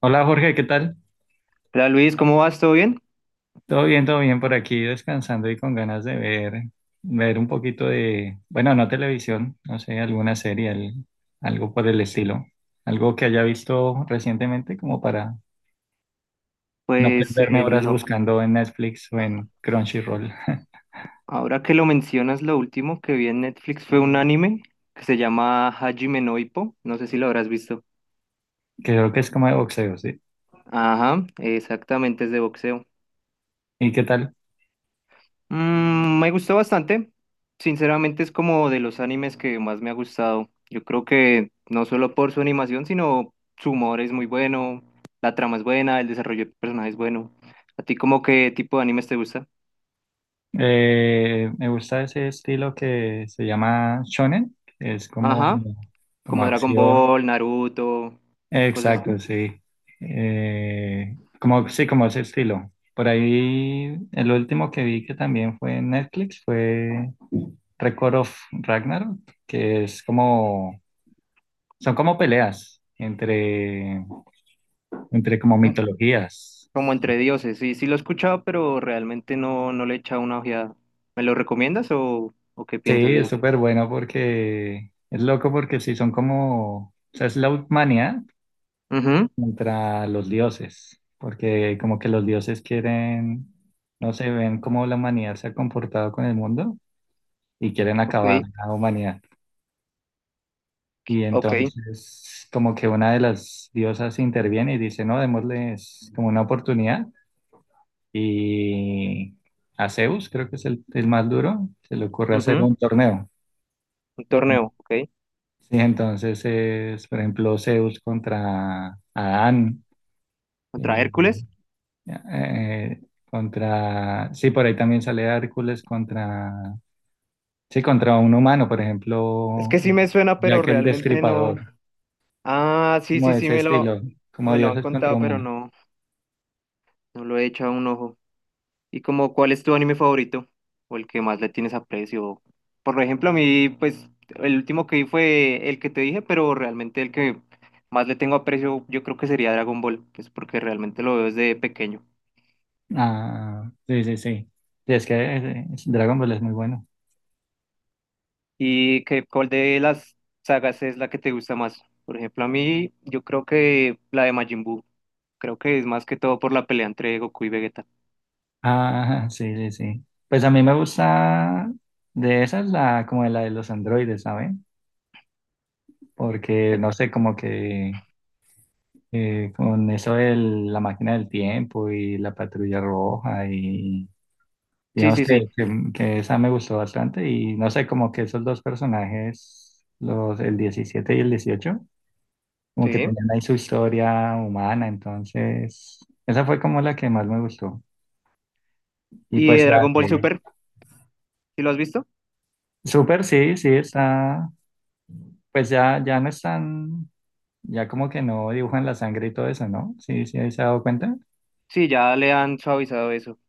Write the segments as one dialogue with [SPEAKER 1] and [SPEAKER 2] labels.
[SPEAKER 1] Hola Jorge, ¿qué tal?
[SPEAKER 2] Hola Luis, ¿cómo vas? ¿Todo bien?
[SPEAKER 1] Todo bien por aquí, descansando y con ganas de ver un poquito de, bueno, no televisión, no sé, alguna serie, algo por el estilo, algo que haya visto recientemente como para no
[SPEAKER 2] Pues
[SPEAKER 1] perderme horas buscando en Netflix o en Crunchyroll.
[SPEAKER 2] ahora que lo mencionas, lo último que vi en Netflix fue un anime que se llama Hajime no Ippo. No sé si lo habrás visto.
[SPEAKER 1] Que creo que es como de boxeo, ¿sí?
[SPEAKER 2] Ajá, exactamente, es de boxeo.
[SPEAKER 1] ¿Y qué tal?
[SPEAKER 2] Me gustó bastante. Sinceramente es como de los animes que más me ha gustado. Yo creo que no solo por su animación, sino su humor es muy bueno, la trama es buena, el desarrollo de personajes es bueno. ¿A ti como qué tipo de animes te gusta?
[SPEAKER 1] Me gusta ese estilo que se llama shonen, que es como,
[SPEAKER 2] Ajá.
[SPEAKER 1] como
[SPEAKER 2] Como Dragon
[SPEAKER 1] acción.
[SPEAKER 2] Ball, Naruto, cosas así,
[SPEAKER 1] Exacto, sí. Como, sí, como ese estilo. Por ahí, el último que vi que también fue en Netflix fue Record of Ragnarok, que es como, son como peleas entre como
[SPEAKER 2] como,
[SPEAKER 1] mitologías.
[SPEAKER 2] como entre dioses. Sí, sí lo he escuchado, pero realmente no le he echado una ojeada. ¿Me lo recomiendas o qué
[SPEAKER 1] Sí,
[SPEAKER 2] piensas de
[SPEAKER 1] es
[SPEAKER 2] eso?
[SPEAKER 1] súper bueno porque, es loco porque sí, son como, o sea, es la humanidad
[SPEAKER 2] Ujú,
[SPEAKER 1] contra los dioses, porque como que los dioses quieren, no sé, ven cómo la humanidad se ha comportado con el mundo y quieren
[SPEAKER 2] ok,
[SPEAKER 1] acabar la humanidad. Y
[SPEAKER 2] ok,
[SPEAKER 1] entonces como que una de las diosas interviene y dice, no, démosles como una oportunidad. Y a Zeus, creo que es el más duro, se le ocurre hacer
[SPEAKER 2] ujú,
[SPEAKER 1] un torneo.
[SPEAKER 2] un torneo, ok.
[SPEAKER 1] Sí, entonces es, por ejemplo, Zeus contra Adán, eh,
[SPEAKER 2] ¿Contra Hércules?
[SPEAKER 1] sí, por ahí también sale Hércules contra, sí, contra un humano, por
[SPEAKER 2] Es que
[SPEAKER 1] ejemplo,
[SPEAKER 2] sí me suena, pero
[SPEAKER 1] Jack el
[SPEAKER 2] realmente
[SPEAKER 1] Destripador.
[SPEAKER 2] no. Ah, sí,
[SPEAKER 1] Como
[SPEAKER 2] sí,
[SPEAKER 1] de
[SPEAKER 2] sí,
[SPEAKER 1] ese
[SPEAKER 2] me lo,
[SPEAKER 1] estilo, como
[SPEAKER 2] me lo han
[SPEAKER 1] dioses contra
[SPEAKER 2] contado, pero
[SPEAKER 1] humanos.
[SPEAKER 2] no lo he echado un ojo. Y como, ¿cuál es tu anime favorito? O el que más le tienes aprecio. Por ejemplo, a mí, pues, el último que vi fue el que te dije, pero realmente el que más le tengo aprecio, yo creo que sería Dragon Ball, pues porque realmente lo veo desde pequeño.
[SPEAKER 1] Ah, sí, sí, sí. Sí, es que Dragon Ball es muy bueno.
[SPEAKER 2] ¿Y qué, cuál de las sagas es la que te gusta más? Por ejemplo, a mí, yo creo que la de Majin Buu. Creo que es más que todo por la pelea entre Goku y Vegeta.
[SPEAKER 1] Ah, sí, sí, sí. Pues a mí me gusta de esas la como de la de los androides, ¿saben? Porque
[SPEAKER 2] Eh,
[SPEAKER 1] no sé, como que con eso de la máquina del tiempo y la patrulla roja y
[SPEAKER 2] sí,
[SPEAKER 1] digamos
[SPEAKER 2] sí, sí,
[SPEAKER 1] que esa me gustó bastante y no sé, como que esos dos personajes, los el 17 y el 18 como que
[SPEAKER 2] sí.
[SPEAKER 1] tenían ahí su historia humana, entonces esa fue como la que más me gustó. Y
[SPEAKER 2] ¿Y de
[SPEAKER 1] pues la
[SPEAKER 2] Dragon Ball
[SPEAKER 1] de
[SPEAKER 2] Super? ¿Sí lo has visto?
[SPEAKER 1] Super sí, sí, está, pues ya no están, ya como que no dibujan la sangre y todo eso, ¿no? Sí, sí, ahí se ha dado cuenta.
[SPEAKER 2] Sí, ya le han suavizado eso.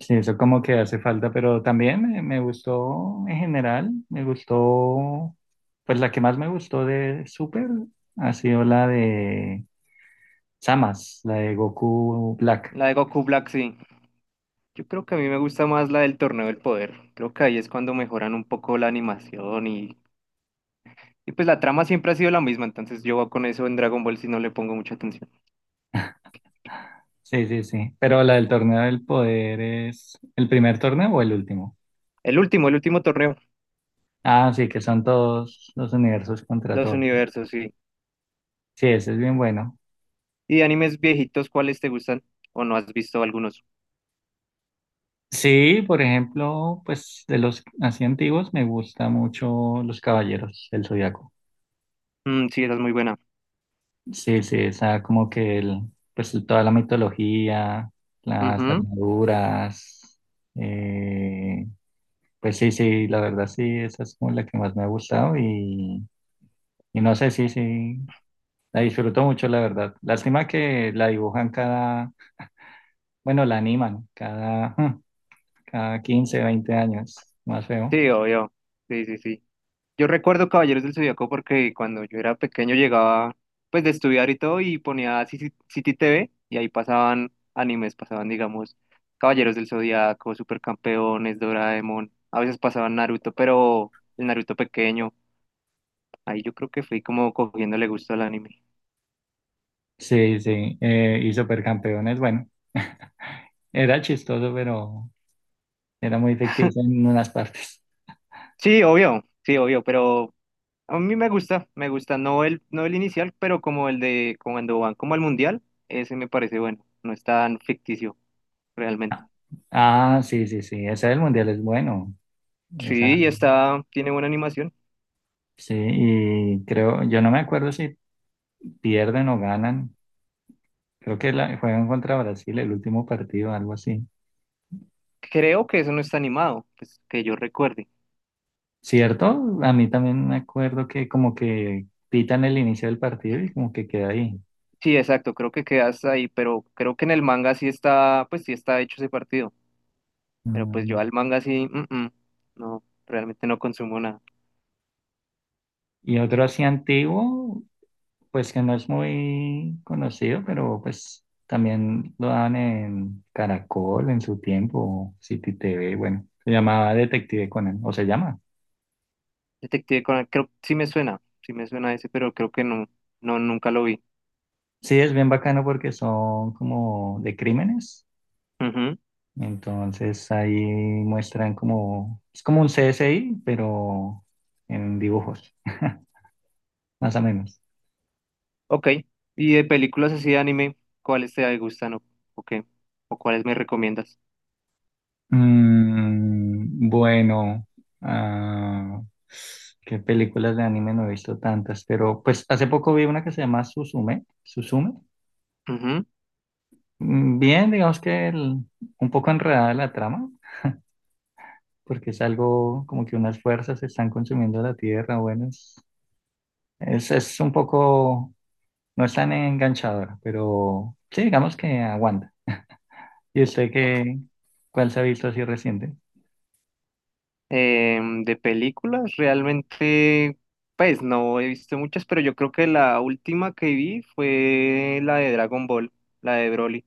[SPEAKER 1] Sí, eso como que hace falta, pero también me gustó en general, me gustó, pues la que más me gustó de Super ha sido la de Samas, la de Goku Black.
[SPEAKER 2] La de Goku Black, sí. Yo creo que a mí me gusta más la del Torneo del Poder. Creo que ahí es cuando mejoran un poco la animación y pues la trama siempre ha sido la misma, entonces yo con eso en Dragon Ball si no le pongo mucha atención.
[SPEAKER 1] Sí, sí, sí. Pero la del torneo del poder es el primer torneo o el último.
[SPEAKER 2] El último torneo,
[SPEAKER 1] Ah, sí, que son todos los universos contra
[SPEAKER 2] los
[SPEAKER 1] todos.
[SPEAKER 2] universos, sí.
[SPEAKER 1] Sí, ese es bien bueno.
[SPEAKER 2] Y de animes viejitos, ¿cuáles te gustan? ¿O no has visto algunos?
[SPEAKER 1] Sí, por ejemplo, pues de los así antiguos me gusta mucho los caballeros del Zodiaco.
[SPEAKER 2] Mm, sí, esa es muy buena.
[SPEAKER 1] Sí, sí, esa como que toda la mitología, las
[SPEAKER 2] Ujú.
[SPEAKER 1] armaduras, eh, pues sí, sí, la verdad sí, esa es como la que más me ha gustado y no sé, sí, sí, la disfruto mucho, la verdad. Lástima que la dibujan cada, bueno, la animan cada, cada 15 20 años, más feo.
[SPEAKER 2] Sí, obvio. Sí, sí, sí. Yo recuerdo Caballeros del Zodíaco porque cuando yo era pequeño llegaba pues de estudiar y todo y ponía City TV y ahí pasaban animes, pasaban digamos Caballeros del Zodíaco, Supercampeones, Doraemon, a veces pasaban Naruto, pero el Naruto pequeño. Ahí yo creo que fui como cogiéndole gusto al anime.
[SPEAKER 1] Sí, sí, y Supercampeones, bueno, era chistoso, pero era muy ficticio en unas partes.
[SPEAKER 2] Sí, obvio, pero a mí me gusta, no el, no el inicial, pero como el de cuando van como al mundial, ese me parece bueno, no es tan ficticio realmente.
[SPEAKER 1] Ah, ah, sí, sí, sí, ese del Mundial es bueno.
[SPEAKER 2] Sí,
[SPEAKER 1] Esa,
[SPEAKER 2] y está, tiene buena animación.
[SPEAKER 1] sí, y creo, yo no me acuerdo si pierden o ganan. Creo que juegan contra Brasil el último partido, algo así.
[SPEAKER 2] Creo que eso no está animado, pues que yo recuerde.
[SPEAKER 1] ¿Cierto? A mí también me acuerdo que como que pitan el inicio del partido y como que queda ahí.
[SPEAKER 2] Sí, exacto, creo que queda hasta ahí, pero creo que en el manga sí está, pues sí está hecho ese partido, pero pues
[SPEAKER 1] Mm.
[SPEAKER 2] yo al manga sí, no, realmente no consumo nada.
[SPEAKER 1] Y otro así antiguo, pues que no es muy conocido, pero pues también lo daban en Caracol en su tiempo, City T V, bueno, se llamaba Detective Conan, o se llama.
[SPEAKER 2] Detective Conan, creo, sí me suena ese, pero creo que no, no, nunca lo vi.
[SPEAKER 1] Sí, es bien bacano porque son como de crímenes,
[SPEAKER 2] Ujú,
[SPEAKER 1] entonces ahí muestran como, es como un C S I pero en dibujos, más o menos.
[SPEAKER 2] ok. ¿Y de películas así de anime, cuáles te gustan o qué? ¿O cuáles me recomiendas?
[SPEAKER 1] Bueno, ah, qué películas de anime no he visto tantas, pero pues hace poco vi una que se llama Suzume, Suzume.
[SPEAKER 2] Ujú,
[SPEAKER 1] Bien, digamos que un poco enredada la trama, porque es algo como que unas fuerzas están consumiendo la tierra, bueno, es un poco, no es tan enganchadora, pero sí, digamos que aguanta. ¿Y usted
[SPEAKER 2] ok.
[SPEAKER 1] cuál se ha visto así reciente?
[SPEAKER 2] De películas, realmente, pues no he visto muchas, pero yo creo que la última que vi fue la de Dragon Ball, la de Broly,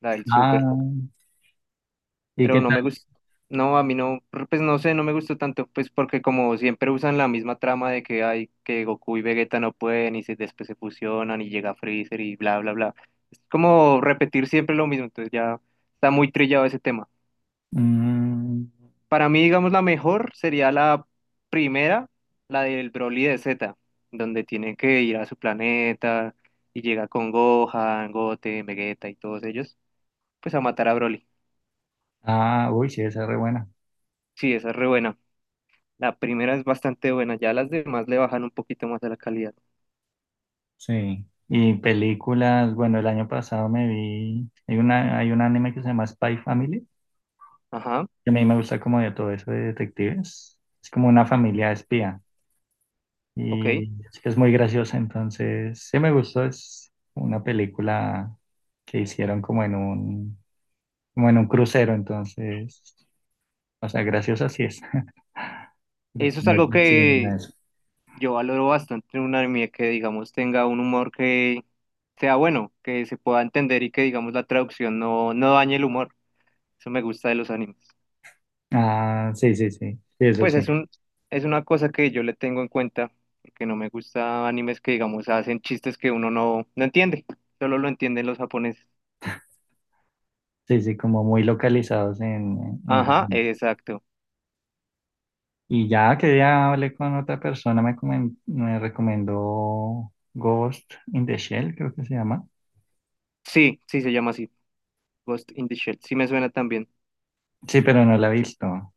[SPEAKER 2] la del Super.
[SPEAKER 1] Ah, ¿y
[SPEAKER 2] Pero
[SPEAKER 1] qué
[SPEAKER 2] no
[SPEAKER 1] tal?
[SPEAKER 2] me gusta, no, a mí no, pues no sé, no me gustó tanto, pues porque como siempre usan la misma trama de que hay que Goku y Vegeta no pueden y después se fusionan y llega Freezer y bla, bla, bla. Es como repetir siempre lo mismo, entonces ya está muy trillado ese tema.
[SPEAKER 1] Mm,
[SPEAKER 2] Para mí, digamos, la mejor sería la primera, la del Broly de Z, donde tiene que ir a su planeta y llega con Gohan, Goten, Vegeta y todos ellos, pues a matar a Broly.
[SPEAKER 1] Ah, uy, sí, esa es re buena.
[SPEAKER 2] Sí, esa es re buena. La primera es bastante buena, ya las demás le bajan un poquito más a la calidad.
[SPEAKER 1] Sí. Y películas, bueno, el año pasado me vi, hay un anime que se llama Spy Family,
[SPEAKER 2] Ajá,
[SPEAKER 1] que a mí me gusta como de todo eso de detectives. Es como una familia de espía
[SPEAKER 2] ok.
[SPEAKER 1] y es que es muy graciosa, entonces sí me gustó, es una película que hicieron como como en un crucero, entonces, o sea, graciosa sí es. Pero
[SPEAKER 2] Eso
[SPEAKER 1] pues
[SPEAKER 2] es
[SPEAKER 1] no es
[SPEAKER 2] algo
[SPEAKER 1] ficción ni nada
[SPEAKER 2] que
[SPEAKER 1] de eso.
[SPEAKER 2] yo valoro bastante en un anime que, digamos, tenga un humor que sea bueno, que se pueda entender y que, digamos, la traducción no dañe el humor. Eso me gusta de los animes.
[SPEAKER 1] Ah, sí, sí, sí, sí, eso
[SPEAKER 2] Pues
[SPEAKER 1] sí.
[SPEAKER 2] es un, es una cosa que yo le tengo en cuenta, porque no me gusta animes que, digamos, hacen chistes que uno no entiende, solo lo entienden los japoneses.
[SPEAKER 1] Sí, sí, como muy localizados en
[SPEAKER 2] Ajá,
[SPEAKER 1] Japón.
[SPEAKER 2] exacto.
[SPEAKER 1] Y ya que ya hablé con otra persona, me recomendó Ghost in the Shell, creo que se llama.
[SPEAKER 2] Sí, sí se llama así, Ghost in the Shell. Sí me suena también.
[SPEAKER 1] Sí, pero no la he visto.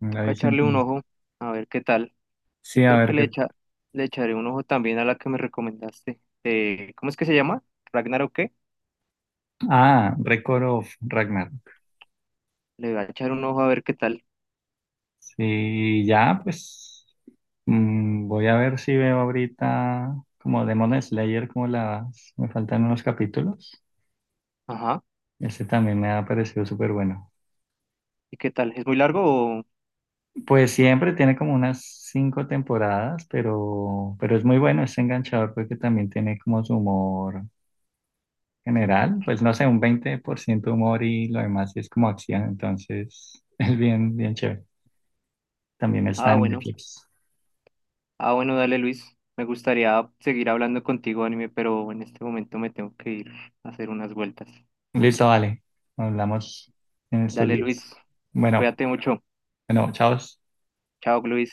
[SPEAKER 1] No la he
[SPEAKER 2] Toca
[SPEAKER 1] visto
[SPEAKER 2] echarle un
[SPEAKER 1] entera.
[SPEAKER 2] ojo, a ver qué tal. Yo
[SPEAKER 1] Sí, a
[SPEAKER 2] creo que
[SPEAKER 1] ver qué.
[SPEAKER 2] le echaré un ojo también a la que me recomendaste. ¿Cómo es que se llama? ¿Ragnar o qué?
[SPEAKER 1] Ah, Record of Ragnar.
[SPEAKER 2] Le voy a echar un ojo a ver qué tal.
[SPEAKER 1] Sí, ya, pues voy a ver si veo ahorita como Demon Slayer, como las. Me faltan unos capítulos.
[SPEAKER 2] Ajá.
[SPEAKER 1] Ese también me ha parecido súper bueno.
[SPEAKER 2] ¿Y qué tal? ¿Es muy largo o...?
[SPEAKER 1] Pues siempre tiene como unas cinco temporadas, pero es muy bueno, es enganchador porque también tiene como su humor general, pues no sé, un 20% humor y lo demás sí es como acción, entonces es bien, bien chévere. También está
[SPEAKER 2] Ah,
[SPEAKER 1] en
[SPEAKER 2] bueno.
[SPEAKER 1] Netflix.
[SPEAKER 2] Ah, bueno, dale, Luis. Me gustaría seguir hablando contigo, anime, pero en este momento me tengo que ir a hacer unas vueltas.
[SPEAKER 1] Listo, vale. Hablamos en estos
[SPEAKER 2] Dale, Luis.
[SPEAKER 1] días. Bueno,
[SPEAKER 2] Cuídate mucho.
[SPEAKER 1] bueno, chao.
[SPEAKER 2] Chao, Luis.